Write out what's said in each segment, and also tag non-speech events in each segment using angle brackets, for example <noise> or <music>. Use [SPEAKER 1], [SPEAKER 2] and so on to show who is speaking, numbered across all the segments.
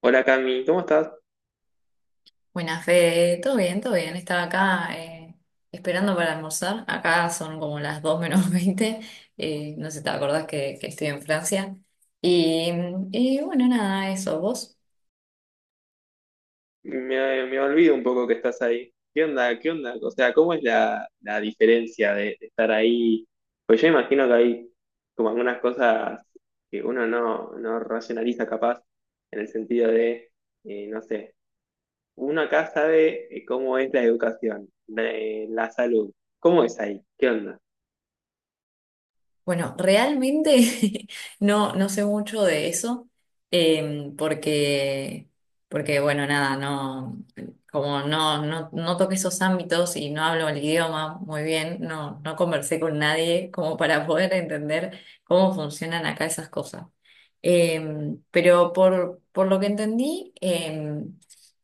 [SPEAKER 1] Hola Cami, ¿cómo estás?
[SPEAKER 2] Buenas, Fede. Todo bien, todo bien. Estaba acá esperando para almorzar. Acá son como las 2 menos <laughs> 20. No sé si te acordás que estoy en Francia. Y, y bueno, nada, eso. ¿Vos?
[SPEAKER 1] Me olvido un poco que estás ahí. ¿Qué onda? ¿Qué onda? O sea, ¿cómo es la diferencia de estar ahí? Pues yo imagino que hay como algunas cosas que uno no racionaliza capaz, en el sentido de, no sé, uno acá sabe cómo es la educación, la salud. ¿Cómo es ahí? ¿Qué onda?
[SPEAKER 2] Bueno, realmente <laughs> no, no sé mucho de eso, em, porque, porque bueno, nada, no, como no, no, no toqué esos ámbitos y no hablo el idioma muy bien, no, no conversé con nadie como para poder entender cómo funcionan acá esas cosas. Pero por lo que entendí,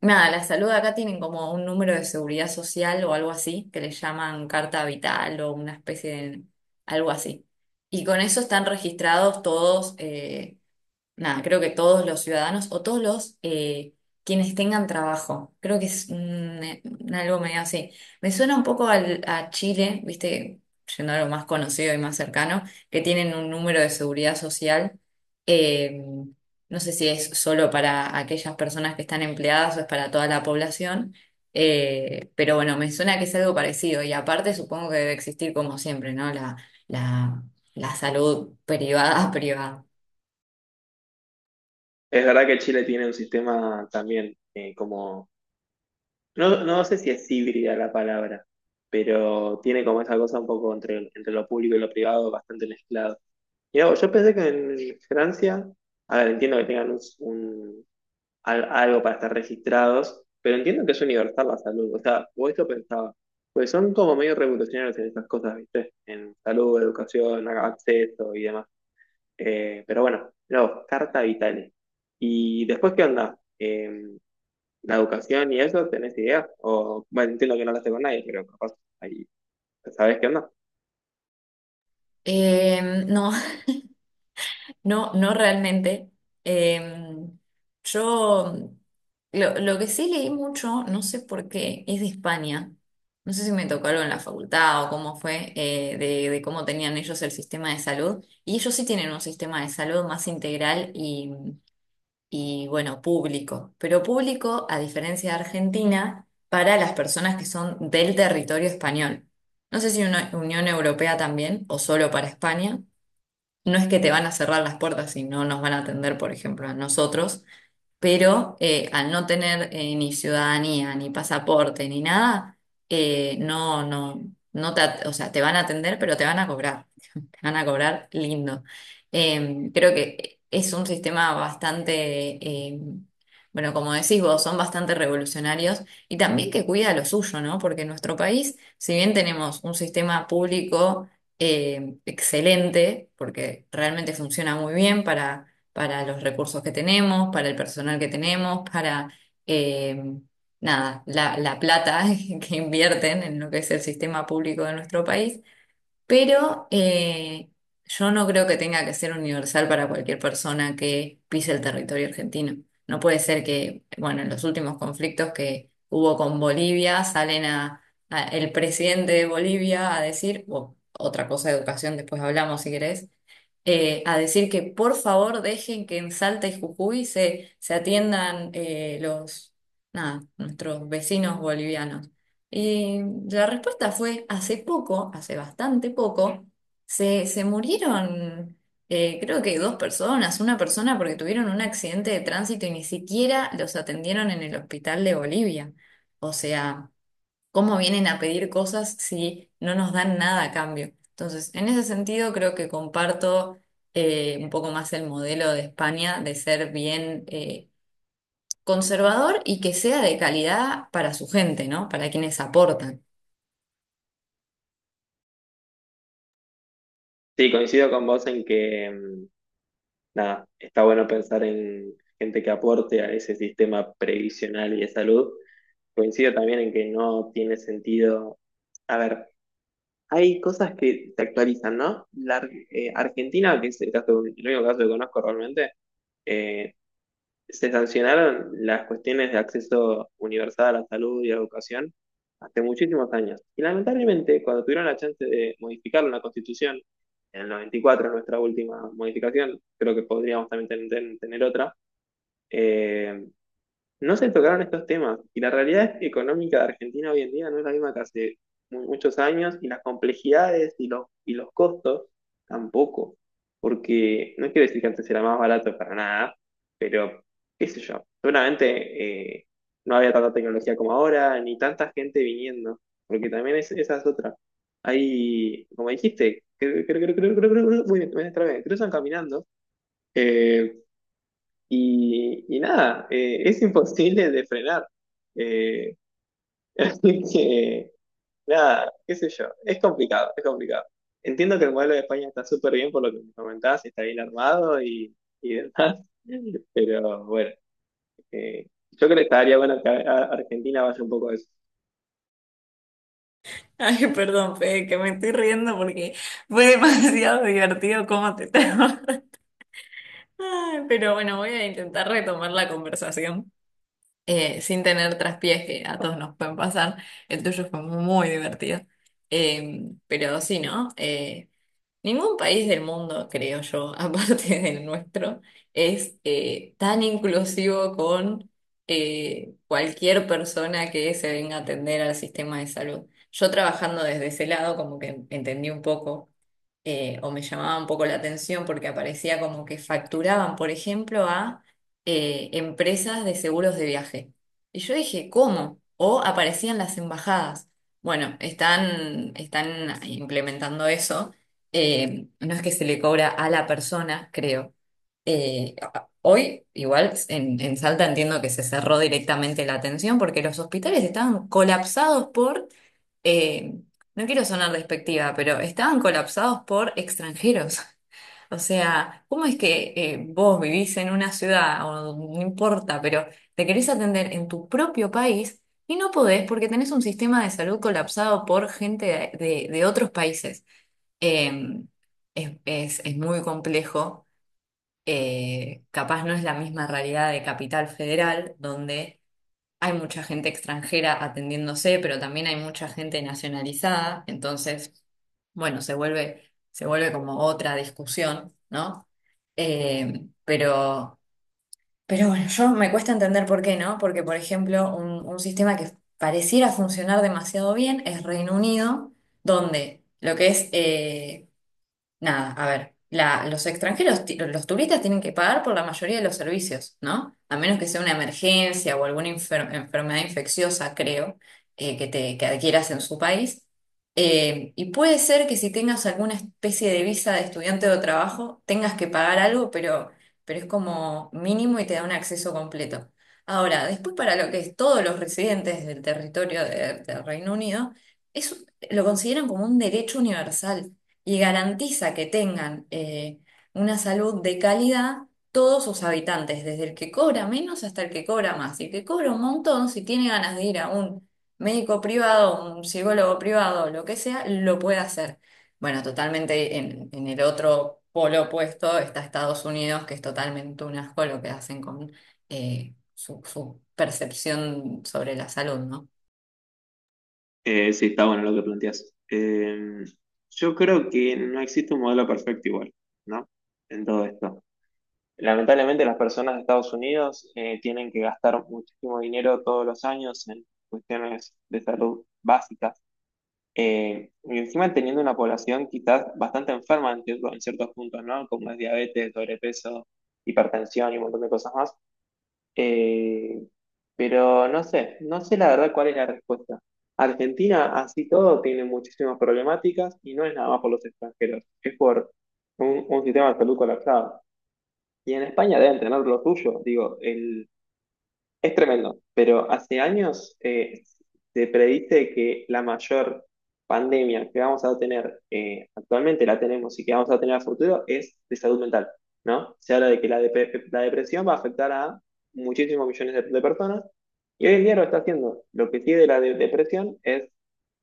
[SPEAKER 2] nada, la salud acá tienen como un número de seguridad social o algo así, que le llaman carta vital o una especie de algo así. Y con eso están registrados todos nada, creo que todos los ciudadanos o todos los quienes tengan trabajo. Creo que es un algo medio así. Me suena un poco a Chile, viste, yendo a lo más conocido y más cercano, que tienen un número de seguridad social. eh, no sé si es solo para aquellas personas que están empleadas o es para toda la población. Pero bueno, me suena que es algo parecido. Y aparte supongo que debe existir como siempre, ¿no? La, la salud privada, <laughs> privada.
[SPEAKER 1] Es verdad que Chile tiene un sistema también como no, no sé si es híbrida la palabra, pero tiene como esa cosa un poco entre lo público y lo privado bastante mezclado. Y yo pensé que en Francia, a ver, entiendo que tengan algo para estar registrados, pero entiendo que es universal la salud. O sea, o esto pensaba, pues son como medio revolucionarios en estas cosas, ¿viste? En salud, educación, acceso y demás. Pero bueno, no, carta vitales. ¿Y después qué onda? La educación y eso, ¿tenés idea? O, bueno, entiendo que no lo hablaste con nadie, pero capaz ahí sabés qué onda.
[SPEAKER 2] No, <laughs> no, no realmente. Em, yo lo que sí leí mucho, no sé por qué, es de España. No sé si me tocó algo en la facultad o cómo fue, de cómo tenían ellos el sistema de salud. Y ellos sí tienen un sistema de salud más integral y bueno, público. Pero público, a diferencia de Argentina, para las personas que son del territorio español. No sé si una Unión Europea también o solo para España, no es que te van a cerrar las puertas y no nos van a atender, por ejemplo, a nosotros, pero al no tener ni ciudadanía, ni pasaporte, ni nada, no, no, o sea, te van a atender, pero te van a cobrar lindo. Creo que es un sistema bastante, bueno, como decís vos, son bastante revolucionarios y también que cuida lo suyo, ¿no? Porque en nuestro país, si bien tenemos un sistema público excelente, porque realmente funciona muy bien para los recursos que tenemos, para el personal que tenemos, eh, nada, la plata <laughs> que invierten en lo que es el sistema público de nuestro país. Pero yo no creo que tenga que ser universal para cualquier persona que pise el territorio argentino. No puede ser que, bueno, en los últimos conflictos que hubo con Bolivia, salen a, el presidente de Bolivia a decir, otra cosa de educación, después hablamos si querés, a decir que por favor dejen que en Salta y Jujuy se, se atiendan nada, nuestros vecinos bolivianos. Eh, la respuesta fue hace poco, hace bastante poco, se murieron creo que dos personas, una persona porque tuvieron un accidente de tránsito y ni siquiera los atendieron en el hospital de Bolivia. O sea, ¿cómo vienen a pedir cosas si no nos dan nada a cambio? Entonces, en ese sentido creo que comparto un poco más el modelo de España de ser bien conservador y que sea de calidad para su gente, ¿no? Para quienes aportan.
[SPEAKER 1] Sí, coincido con vos en que, nada, está bueno pensar en gente que aporte a ese sistema previsional y de salud. Coincido también en que no tiene sentido. A ver, hay cosas que se actualizan, ¿no? Argentina, que es el caso, el único caso que conozco realmente, eh, se sancionaron las cuestiones de acceso universal a la salud y a la educación hace muchísimos años. Y lamentablemente, cuando tuvieron la chance de modificar una constitución, en el 94 nuestra última modificación, creo que podríamos también tener otra, eh, no se tocaron estos temas y la realidad económica de Argentina hoy en día no es la misma que hace muchos años y las complejidades y los costos tampoco, porque no quiero decir que antes era más barato para nada, pero qué sé yo, seguramente no había tanta tecnología como ahora ni tanta gente viniendo, porque también esa es otra. Hay, como dijiste, creo, muy bien, otra vez, cruzan caminando. eh, y nada, es imposible de frenar. Eh, <laughs> así que, nada, qué sé yo, es complicado, es complicado. Entiendo que el modelo de España está súper bien por lo que me comentabas, está bien armado y <laughs> demás, pero bueno, yo creo que estaría bueno que a Argentina vaya un poco a eso.
[SPEAKER 2] Ay, perdón, Fede, que me estoy riendo porque fue demasiado <laughs> divertido cómo te trago. <laughs> Ay, pero bueno, voy a intentar retomar la conversación sin tener traspiés que a todos nos pueden pasar. El tuyo fue muy divertido. Pero sí, ¿no? Ningún país del mundo, creo yo, <laughs> aparte del nuestro, es tan inclusivo con cualquier persona que se venga a atender al sistema de salud. Yo trabajando desde ese lado, como que entendí un poco, o me llamaba un poco la atención porque aparecía como que facturaban, por ejemplo, a empresas de seguros de viaje. Y yo dije, ¿cómo? O aparecían las embajadas. Bueno, están implementando eso, no es que se le cobra a la persona, creo. Eh, Hoy, igual, en Salta entiendo que se cerró directamente la atención porque los hospitales estaban colapsados por, eh, no quiero sonar despectiva, pero estaban colapsados por extranjeros. <laughs> O sea, ¿cómo es que vos vivís en una ciudad, o no importa, pero te querés atender en tu propio país y no podés porque tenés un sistema de salud colapsado por gente de otros países? Eh, es muy complejo. Capaz no es la misma realidad de Capital Federal, donde hay mucha gente extranjera atendiéndose, pero también hay mucha gente nacionalizada. Entonces, bueno, se vuelve como otra discusión, ¿no? Eh, pero, pero bueno, yo me cuesta entender por qué, ¿no? Porque, por ejemplo, un sistema que pareciera funcionar demasiado bien es Reino Unido, donde lo que es nada, a ver, los extranjeros, los turistas tienen que pagar por la mayoría de los servicios, ¿no? A menos que sea una emergencia o alguna enfermedad infecciosa, creo, que adquieras en su país. Y puede ser que si tengas alguna especie de visa de estudiante o trabajo, tengas que pagar algo, pero es como mínimo y te da un acceso completo. Ahora, después para lo que es todos los residentes del territorio del Reino Unido, eso lo consideran como un derecho universal y garantiza que tengan una salud de calidad todos sus habitantes, desde el que cobra menos hasta el que cobra más. Y el que cobra un montón, si tiene ganas de ir a un médico privado, un psicólogo privado, lo que sea, lo puede hacer. Bueno, totalmente en el otro polo opuesto está Estados Unidos, que es totalmente un asco lo que hacen con su percepción sobre la salud, ¿no?
[SPEAKER 1] Sí, está bueno lo que planteas. Yo creo que no existe un modelo perfecto igual, ¿no? En todo esto. Lamentablemente las personas de Estados Unidos tienen que gastar muchísimo dinero todos los años en cuestiones de salud básicas. Y encima teniendo una población quizás bastante enferma en en ciertos puntos, ¿no? Como es diabetes, sobrepeso, hipertensión y un montón de cosas más. Eh, pero no sé, no sé la verdad cuál es la respuesta. Argentina, así todo, tiene muchísimas problemáticas y no es nada más por los extranjeros, es por un sistema de salud colapsado. Y en España deben tener lo suyo. Digo, es tremendo, pero hace años se predice que la mayor pandemia que vamos a tener, actualmente la tenemos y que vamos a tener a futuro, es de salud mental, ¿no? Se habla de que la depresión va a afectar a muchísimos millones de personas y hoy en día lo está haciendo. Lo que sigue de la depresión es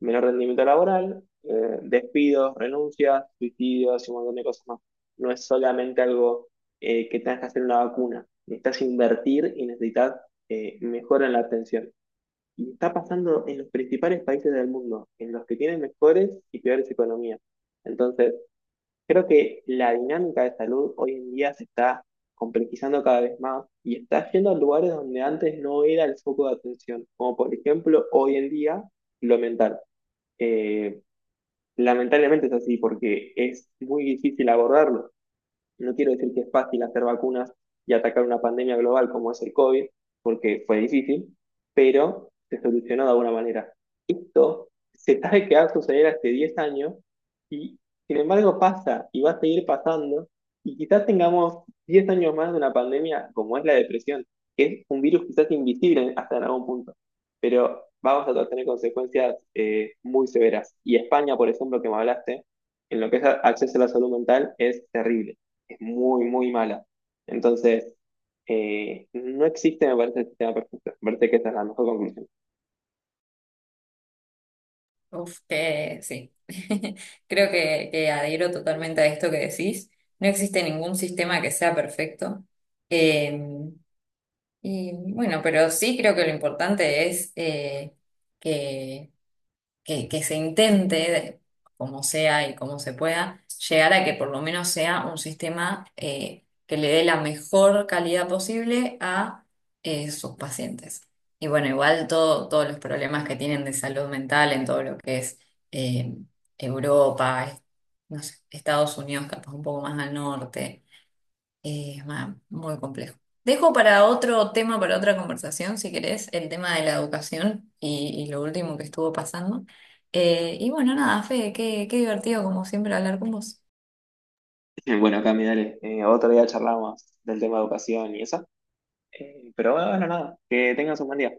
[SPEAKER 1] menor rendimiento laboral, despidos, renuncias, suicidios y un montón de cosas más. No es solamente algo que tengas que hacer una vacuna. Necesitas invertir y necesitas mejoran la atención. Y está pasando en los principales países del mundo, en los que tienen mejores y peores economías. Entonces, creo que la dinámica de salud hoy en día se está complejizando cada vez más y está yendo a lugares donde antes no era el foco de atención, como por ejemplo hoy en día lo mental. Eh, Lamentablemente es así porque es muy difícil abordarlo. No quiero decir que es fácil hacer vacunas y atacar una pandemia global como es el COVID, porque fue difícil, pero se solucionó de alguna manera. Esto se sabe que va a suceder hace 10 años y sin embargo pasa y va a seguir pasando y quizás tengamos 10 años más de una pandemia como es la depresión, que es un virus quizás invisible hasta en algún punto, pero vamos a tener consecuencias muy severas. Y España, por ejemplo, que me hablaste, en lo que es acceso a la salud mental, es terrible. Es muy, muy mala. Entonces, no existe, me parece, el sistema perfecto. Me parece que esa es la mejor conclusión.
[SPEAKER 2] Uf, que sí. <laughs> Creo que adhiero totalmente a esto que decís. No existe ningún sistema que sea perfecto. Eh, y bueno, pero sí creo que lo importante es que que se intente, como sea y como se pueda, llegar a que por lo menos sea un sistema que le dé la mejor calidad posible a sus pacientes. Y bueno, igual todos los problemas que tienen de salud mental en todo lo que es eh, Europa, no sé, Estados Unidos, capaz un poco más al norte. Ah, muy complejo. Dejo para otro tema, para otra conversación, si querés, el tema de la educación y lo último que estuvo pasando. Y bueno, nada, Fede, qué divertido como siempre hablar con vos.
[SPEAKER 1] <laughs> Bueno, Cami, dale, otro día charlamos del tema de educación y eso. Pero bueno, nada, que tengas un buen día.